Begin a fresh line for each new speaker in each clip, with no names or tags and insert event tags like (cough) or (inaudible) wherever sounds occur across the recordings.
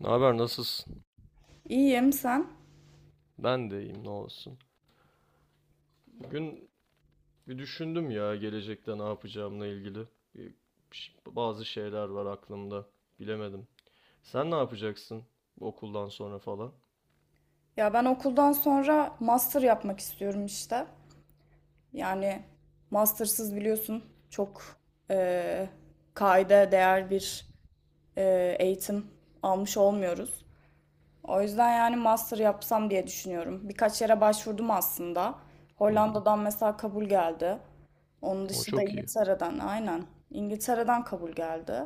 Ne haber, nasılsın?
İyiyim sen?
Ben de iyiyim, ne olsun. Bugün bir düşündüm ya gelecekte ne yapacağımla ilgili. Bir- Bazı şeyler var aklımda. Bilemedim. Sen ne yapacaksın bu okuldan sonra falan?
Ya ben okuldan sonra master yapmak istiyorum işte. Yani mastersız biliyorsun çok eee kaide değer bir eğitim almış olmuyoruz. O yüzden yani master yapsam diye düşünüyorum. Birkaç yere başvurdum aslında.
Hı hı.
Hollanda'dan mesela kabul geldi. Onun
O
dışında
çok iyi.
İngiltere'den aynen. İngiltere'den kabul geldi.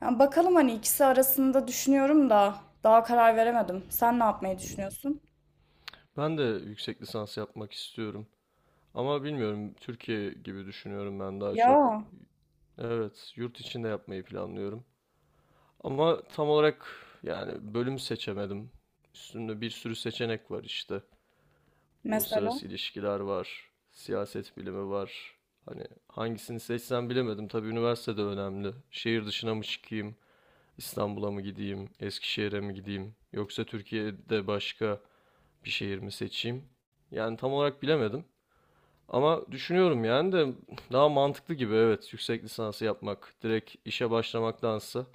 Yani bakalım hani ikisi arasında düşünüyorum da daha karar veremedim. Sen ne yapmayı düşünüyorsun?
Ben de yüksek lisans yapmak istiyorum. Ama bilmiyorum, Türkiye gibi düşünüyorum ben daha çok.
Ya
Evet, yurt içinde yapmayı planlıyorum. Ama tam olarak, yani bölüm seçemedim. Üstünde bir sürü seçenek var işte.
mesela.
Uluslararası ilişkiler var. Siyaset bilimi var. Hani hangisini seçsem bilemedim. Tabii üniversite de önemli. Şehir dışına mı çıkayım? İstanbul'a mı gideyim? Eskişehir'e mi gideyim? Yoksa Türkiye'de başka bir şehir mi seçeyim? Yani tam olarak bilemedim. Ama düşünüyorum yani, de (laughs) daha mantıklı gibi, evet, yüksek lisansı yapmak direkt işe başlamaktansa.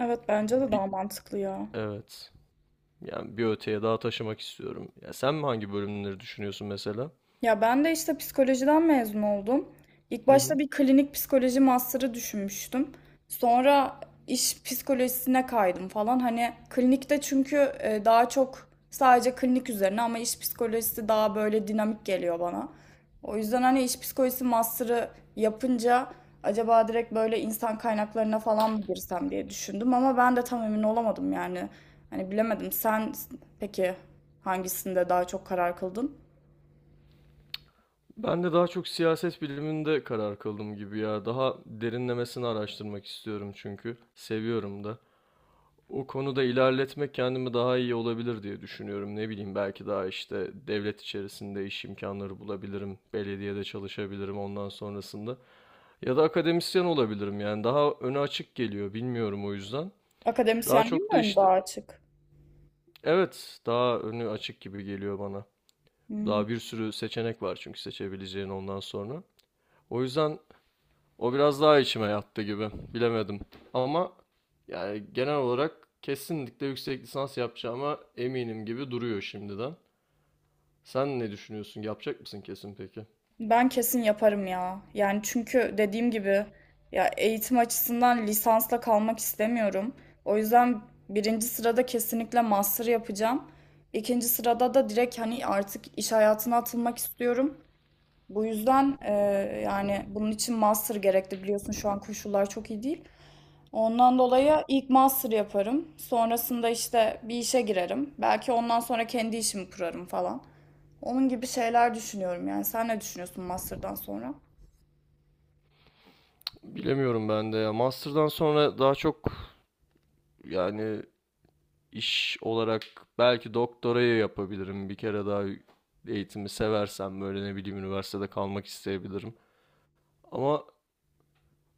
Evet, bence de
bir,
daha mantıklı ya.
evet, yani bir öteye daha taşımak istiyorum. Ya sen mi hangi bölümleri düşünüyorsun mesela?
Ya ben de işte psikolojiden mezun oldum. İlk
Hı
başta
hı.
bir klinik psikoloji master'ı düşünmüştüm. Sonra iş psikolojisine kaydım falan. Hani klinikte çünkü daha çok sadece klinik üzerine ama iş psikolojisi daha böyle dinamik geliyor bana. O yüzden hani iş psikolojisi master'ı yapınca acaba direkt böyle insan kaynaklarına falan mı girsem diye düşündüm ama ben de tam emin olamadım yani. Hani bilemedim. Sen peki hangisinde daha çok karar kıldın?
Ben de daha çok siyaset biliminde karar kıldım gibi ya. Daha derinlemesine araştırmak istiyorum çünkü. Seviyorum da. O konuda ilerletmek kendimi daha iyi olabilir diye düşünüyorum. Ne bileyim, belki daha işte devlet içerisinde iş imkanları bulabilirim. Belediyede çalışabilirim ondan sonrasında. Ya da akademisyen olabilirim yani. Daha önü açık geliyor, bilmiyorum, o yüzden. Daha
Akademisyenliğim
çok
mi
da
ön
işte
daha açık?
evet, daha önü açık gibi geliyor bana.
Hmm.
Daha bir sürü seçenek var çünkü seçebileceğin ondan sonra. O yüzden, o biraz daha içime yattı gibi. Bilemedim. Ama yani genel olarak kesinlikle yüksek lisans yapacağıma eminim gibi duruyor şimdiden. Sen ne düşünüyorsun? Yapacak mısın kesin peki?
Ben kesin yaparım ya. Yani çünkü dediğim gibi ya eğitim açısından lisansla kalmak istemiyorum. O yüzden birinci sırada kesinlikle master yapacağım. İkinci sırada da direkt hani artık iş hayatına atılmak istiyorum. Bu yüzden yani bunun için master gerekli biliyorsun şu an koşullar çok iyi değil. Ondan dolayı ilk master yaparım. Sonrasında işte bir işe girerim. Belki ondan sonra kendi işimi kurarım falan. Onun gibi şeyler düşünüyorum yani. Sen ne düşünüyorsun master'dan sonra?
Bilemiyorum ben de ya. Master'dan sonra daha çok, yani iş olarak belki doktorayı yapabilirim. Bir kere daha eğitimi seversem böyle ne bileyim üniversitede kalmak isteyebilirim. Ama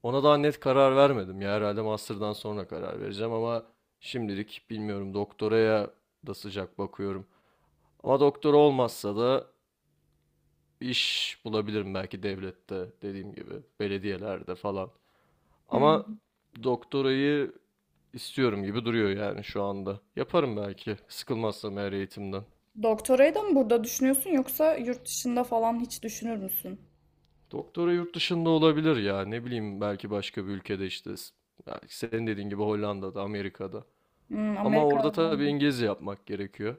ona daha net karar vermedim ya. Herhalde master'dan sonra karar vereceğim ama şimdilik bilmiyorum, doktoraya da sıcak bakıyorum. Ama doktor olmazsa da iş bulabilirim belki, devlette dediğim gibi belediyelerde falan. Ama
Hmm.
doktorayı istiyorum gibi duruyor yani şu anda. Yaparım belki, sıkılmazsam eğer eğitimden.
Doktorayı da mı burada düşünüyorsun yoksa yurt dışında falan hiç düşünür müsün?
Doktora yurt dışında olabilir ya, ne bileyim, belki başka bir ülkede işte, belki senin dediğin gibi Hollanda'da, Amerika'da.
Hmm,
Ama
Amerika.
orada tabii İngilizce yapmak gerekiyor.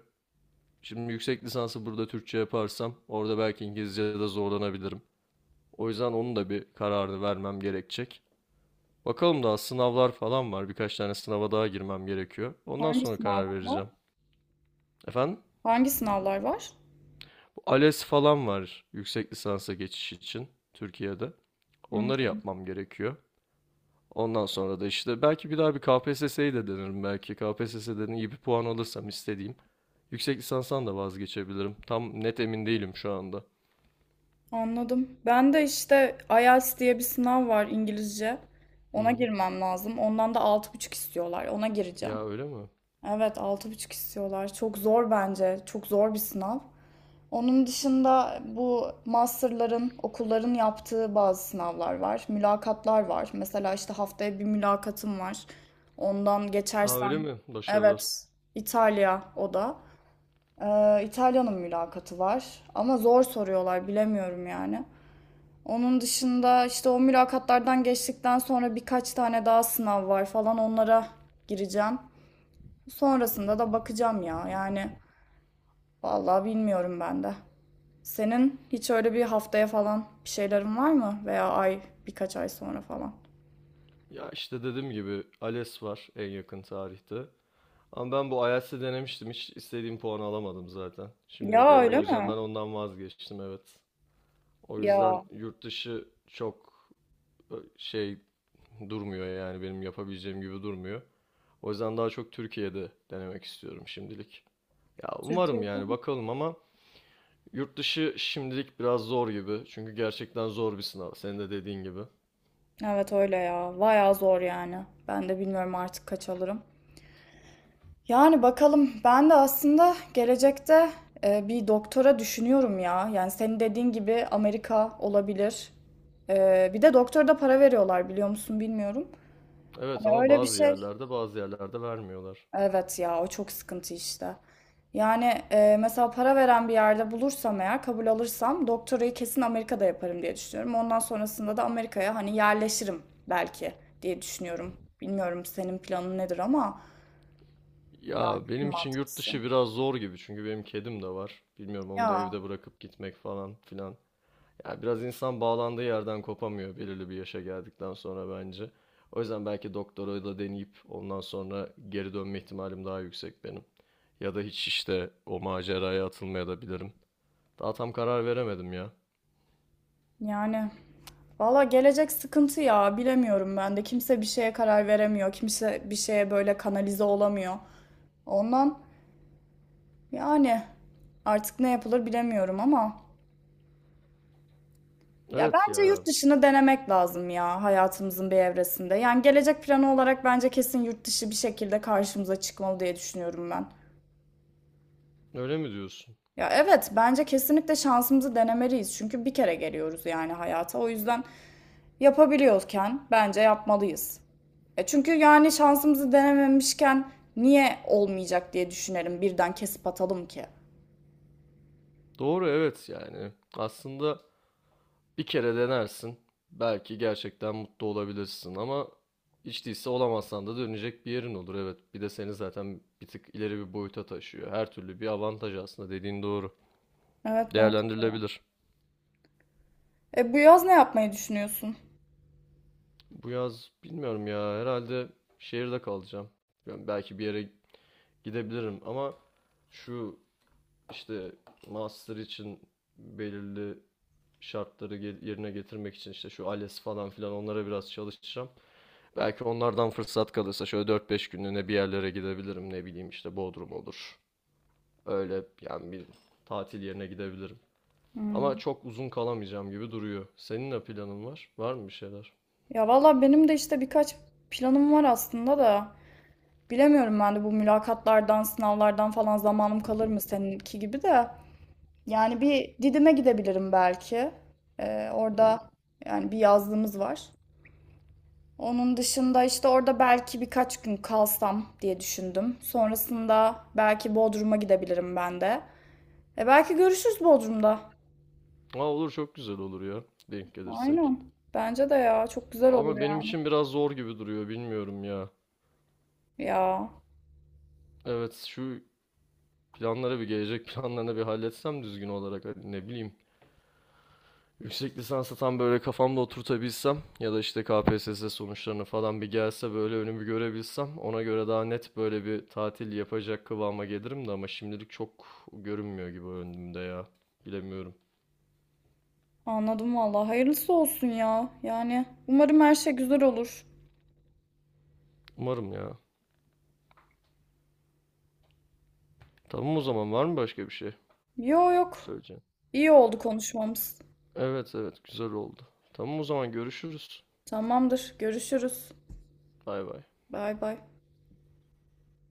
Şimdi yüksek lisansı burada Türkçe yaparsam orada belki İngilizce'de zorlanabilirim. O yüzden onun da bir kararını vermem gerekecek. Bakalım, daha sınavlar falan var. Birkaç tane sınava daha girmem gerekiyor. Ondan
Hangi
sonra karar
sınavlar var?
vereceğim. Efendim?
Hangi sınavlar var?
ALES falan var yüksek lisansa geçiş için Türkiye'de.
Hmm,
Onları yapmam gerekiyor. Ondan sonra da işte belki bir daha bir KPSS'yi de denerim belki. KPSS'den iyi bir puan alırsam istediğim. Yüksek lisanstan da vazgeçebilirim. Tam net emin değilim şu anda.
anladım. Ben de işte IELTS diye bir sınav var İngilizce.
Hı
Ona
hı.
girmem lazım. Ondan da altı buçuk istiyorlar. Ona gireceğim.
Ya öyle mi?
Evet altı buçuk istiyorlar. Çok zor bence. Çok zor bir sınav. Onun dışında bu masterların, okulların yaptığı bazı sınavlar var. Mülakatlar var. Mesela işte haftaya bir mülakatım var. Ondan
Aa, öyle
geçersem,
mi? Başarılar.
evet İtalya o da. İtalya'nın mülakatı var. Ama zor soruyorlar bilemiyorum yani. Onun dışında işte o mülakatlardan geçtikten sonra birkaç tane daha sınav var falan onlara gireceğim. Sonrasında da bakacağım ya. Yani vallahi bilmiyorum ben de. Senin hiç öyle bir haftaya falan bir şeylerin var mı? Veya ay birkaç ay sonra falan.
Ya işte dediğim gibi ALES var en yakın tarihte. Ama ben bu IELTS'i denemiştim. Hiç istediğim puanı alamadım zaten şimdiye
Ya
kadar.
öyle
O yüzden
mi?
ben ondan vazgeçtim, evet. O yüzden
Ya
yurt dışı çok şey, durmuyor yani, benim yapabileceğim gibi durmuyor. O yüzden daha çok Türkiye'de denemek istiyorum şimdilik. Ya umarım,
Türkiye'de.
yani bakalım, ama yurt dışı şimdilik biraz zor gibi. Çünkü gerçekten zor bir sınav. Senin de dediğin gibi.
Evet öyle ya. Bayağı zor yani. Ben de bilmiyorum artık kaç alırım. Yani bakalım ben de aslında gelecekte bir doktora düşünüyorum ya. Yani senin dediğin gibi Amerika olabilir. Bir de doktora da para veriyorlar biliyor musun bilmiyorum.
Evet,
Hani
ama
öyle bir
bazı
şey.
yerlerde, bazı yerlerde vermiyorlar.
Evet ya o çok sıkıntı işte. Yani mesela para veren bir yerde bulursam eğer kabul alırsam doktorayı kesin Amerika'da yaparım diye düşünüyorum. Ondan sonrasında da Amerika'ya hani yerleşirim belki diye düşünüyorum. Bilmiyorum senin planın nedir ama yani
Ya
en
benim için yurt
mantıklısı.
dışı biraz zor gibi çünkü benim kedim de var. Bilmiyorum, onu da
Ya
evde bırakıp gitmek falan filan. Ya biraz insan bağlandığı yerden kopamıyor belirli bir yaşa geldikten sonra bence. O yüzden belki doktorayı da deneyip ondan sonra geri dönme ihtimalim daha yüksek benim. Ya da hiç işte o maceraya atılmaya da bilirim. Daha tam karar veremedim ya.
yani valla gelecek sıkıntı ya bilemiyorum ben de. Kimse bir şeye karar veremiyor. Kimse bir şeye böyle kanalize olamıyor. Ondan yani artık ne yapılır bilemiyorum ama. Ya
Evet
bence yurt
ya,
dışını denemek lazım ya hayatımızın bir evresinde. Yani gelecek planı olarak bence kesin yurt dışı bir şekilde karşımıza çıkmalı diye düşünüyorum ben.
öyle mi diyorsun?
Ya evet bence kesinlikle şansımızı denemeliyiz. Çünkü bir kere geliyoruz yani hayata. O yüzden yapabiliyorken bence yapmalıyız. E çünkü yani şansımızı denememişken niye olmayacak diye düşünelim. Birden kesip atalım ki.
Doğru, evet yani. Aslında bir kere denersin. Belki gerçekten mutlu olabilirsin ama hiç değilse olamazsan da dönecek bir yerin olur. Evet, bir de seni zaten bir tık ileri bir boyuta taşıyor. Her türlü bir avantaj, aslında dediğin doğru.
Evet ben.
Değerlendirilebilir.
E bu yaz ne yapmayı düşünüyorsun?
Bu yaz bilmiyorum ya, herhalde şehirde kalacağım. Yani belki bir yere gidebilirim ama şu işte master için belirli şartları yerine getirmek için işte şu ALES falan filan, onlara biraz çalışacağım. Belki onlardan fırsat kalırsa şöyle 4-5 günlüğüne bir yerlere gidebilirim. Ne bileyim işte, Bodrum olur. Öyle yani, bir tatil yerine gidebilirim.
Hmm.
Ama çok uzun kalamayacağım gibi duruyor. Senin ne planın var? Var mı bir şeyler?
Ya valla benim de işte birkaç planım var aslında da. Bilemiyorum ben de bu mülakatlardan, sınavlardan falan zamanım kalır mı seninki gibi de. Yani bir Didim'e gidebilirim belki.
Hmm.
Orada yani bir yazlığımız var. Onun dışında işte orada belki birkaç gün kalsam diye düşündüm. Sonrasında belki Bodrum'a gidebilirim ben de. E belki görüşürüz Bodrum'da.
Aa, olur, çok güzel olur ya. Denk gelirsek.
Aynen. Bence de ya çok güzel olur
Ama benim
yani.
için biraz zor gibi duruyor. Bilmiyorum ya.
Ya
Evet, şu planlara bir gelecek (laughs) planlarına bir halletsem düzgün olarak. Hani ne bileyim. Yüksek lisansa tam böyle kafamda oturtabilsem ya da işte KPSS sonuçlarını falan bir gelse böyle önümü görebilsem ona göre daha net böyle bir tatil yapacak kıvama gelirim de ama şimdilik çok görünmüyor gibi önümde ya. Bilemiyorum.
anladım valla. Hayırlısı olsun ya. Yani umarım her şey güzel olur.
Umarım ya. Tamam o zaman, var mı başka bir şey
Yo yok.
söyleyeceğim?
İyi oldu konuşmamız.
Evet, evet, güzel oldu. Tamam o zaman, görüşürüz.
Tamamdır. Görüşürüz.
Bay bay.
Bay bay.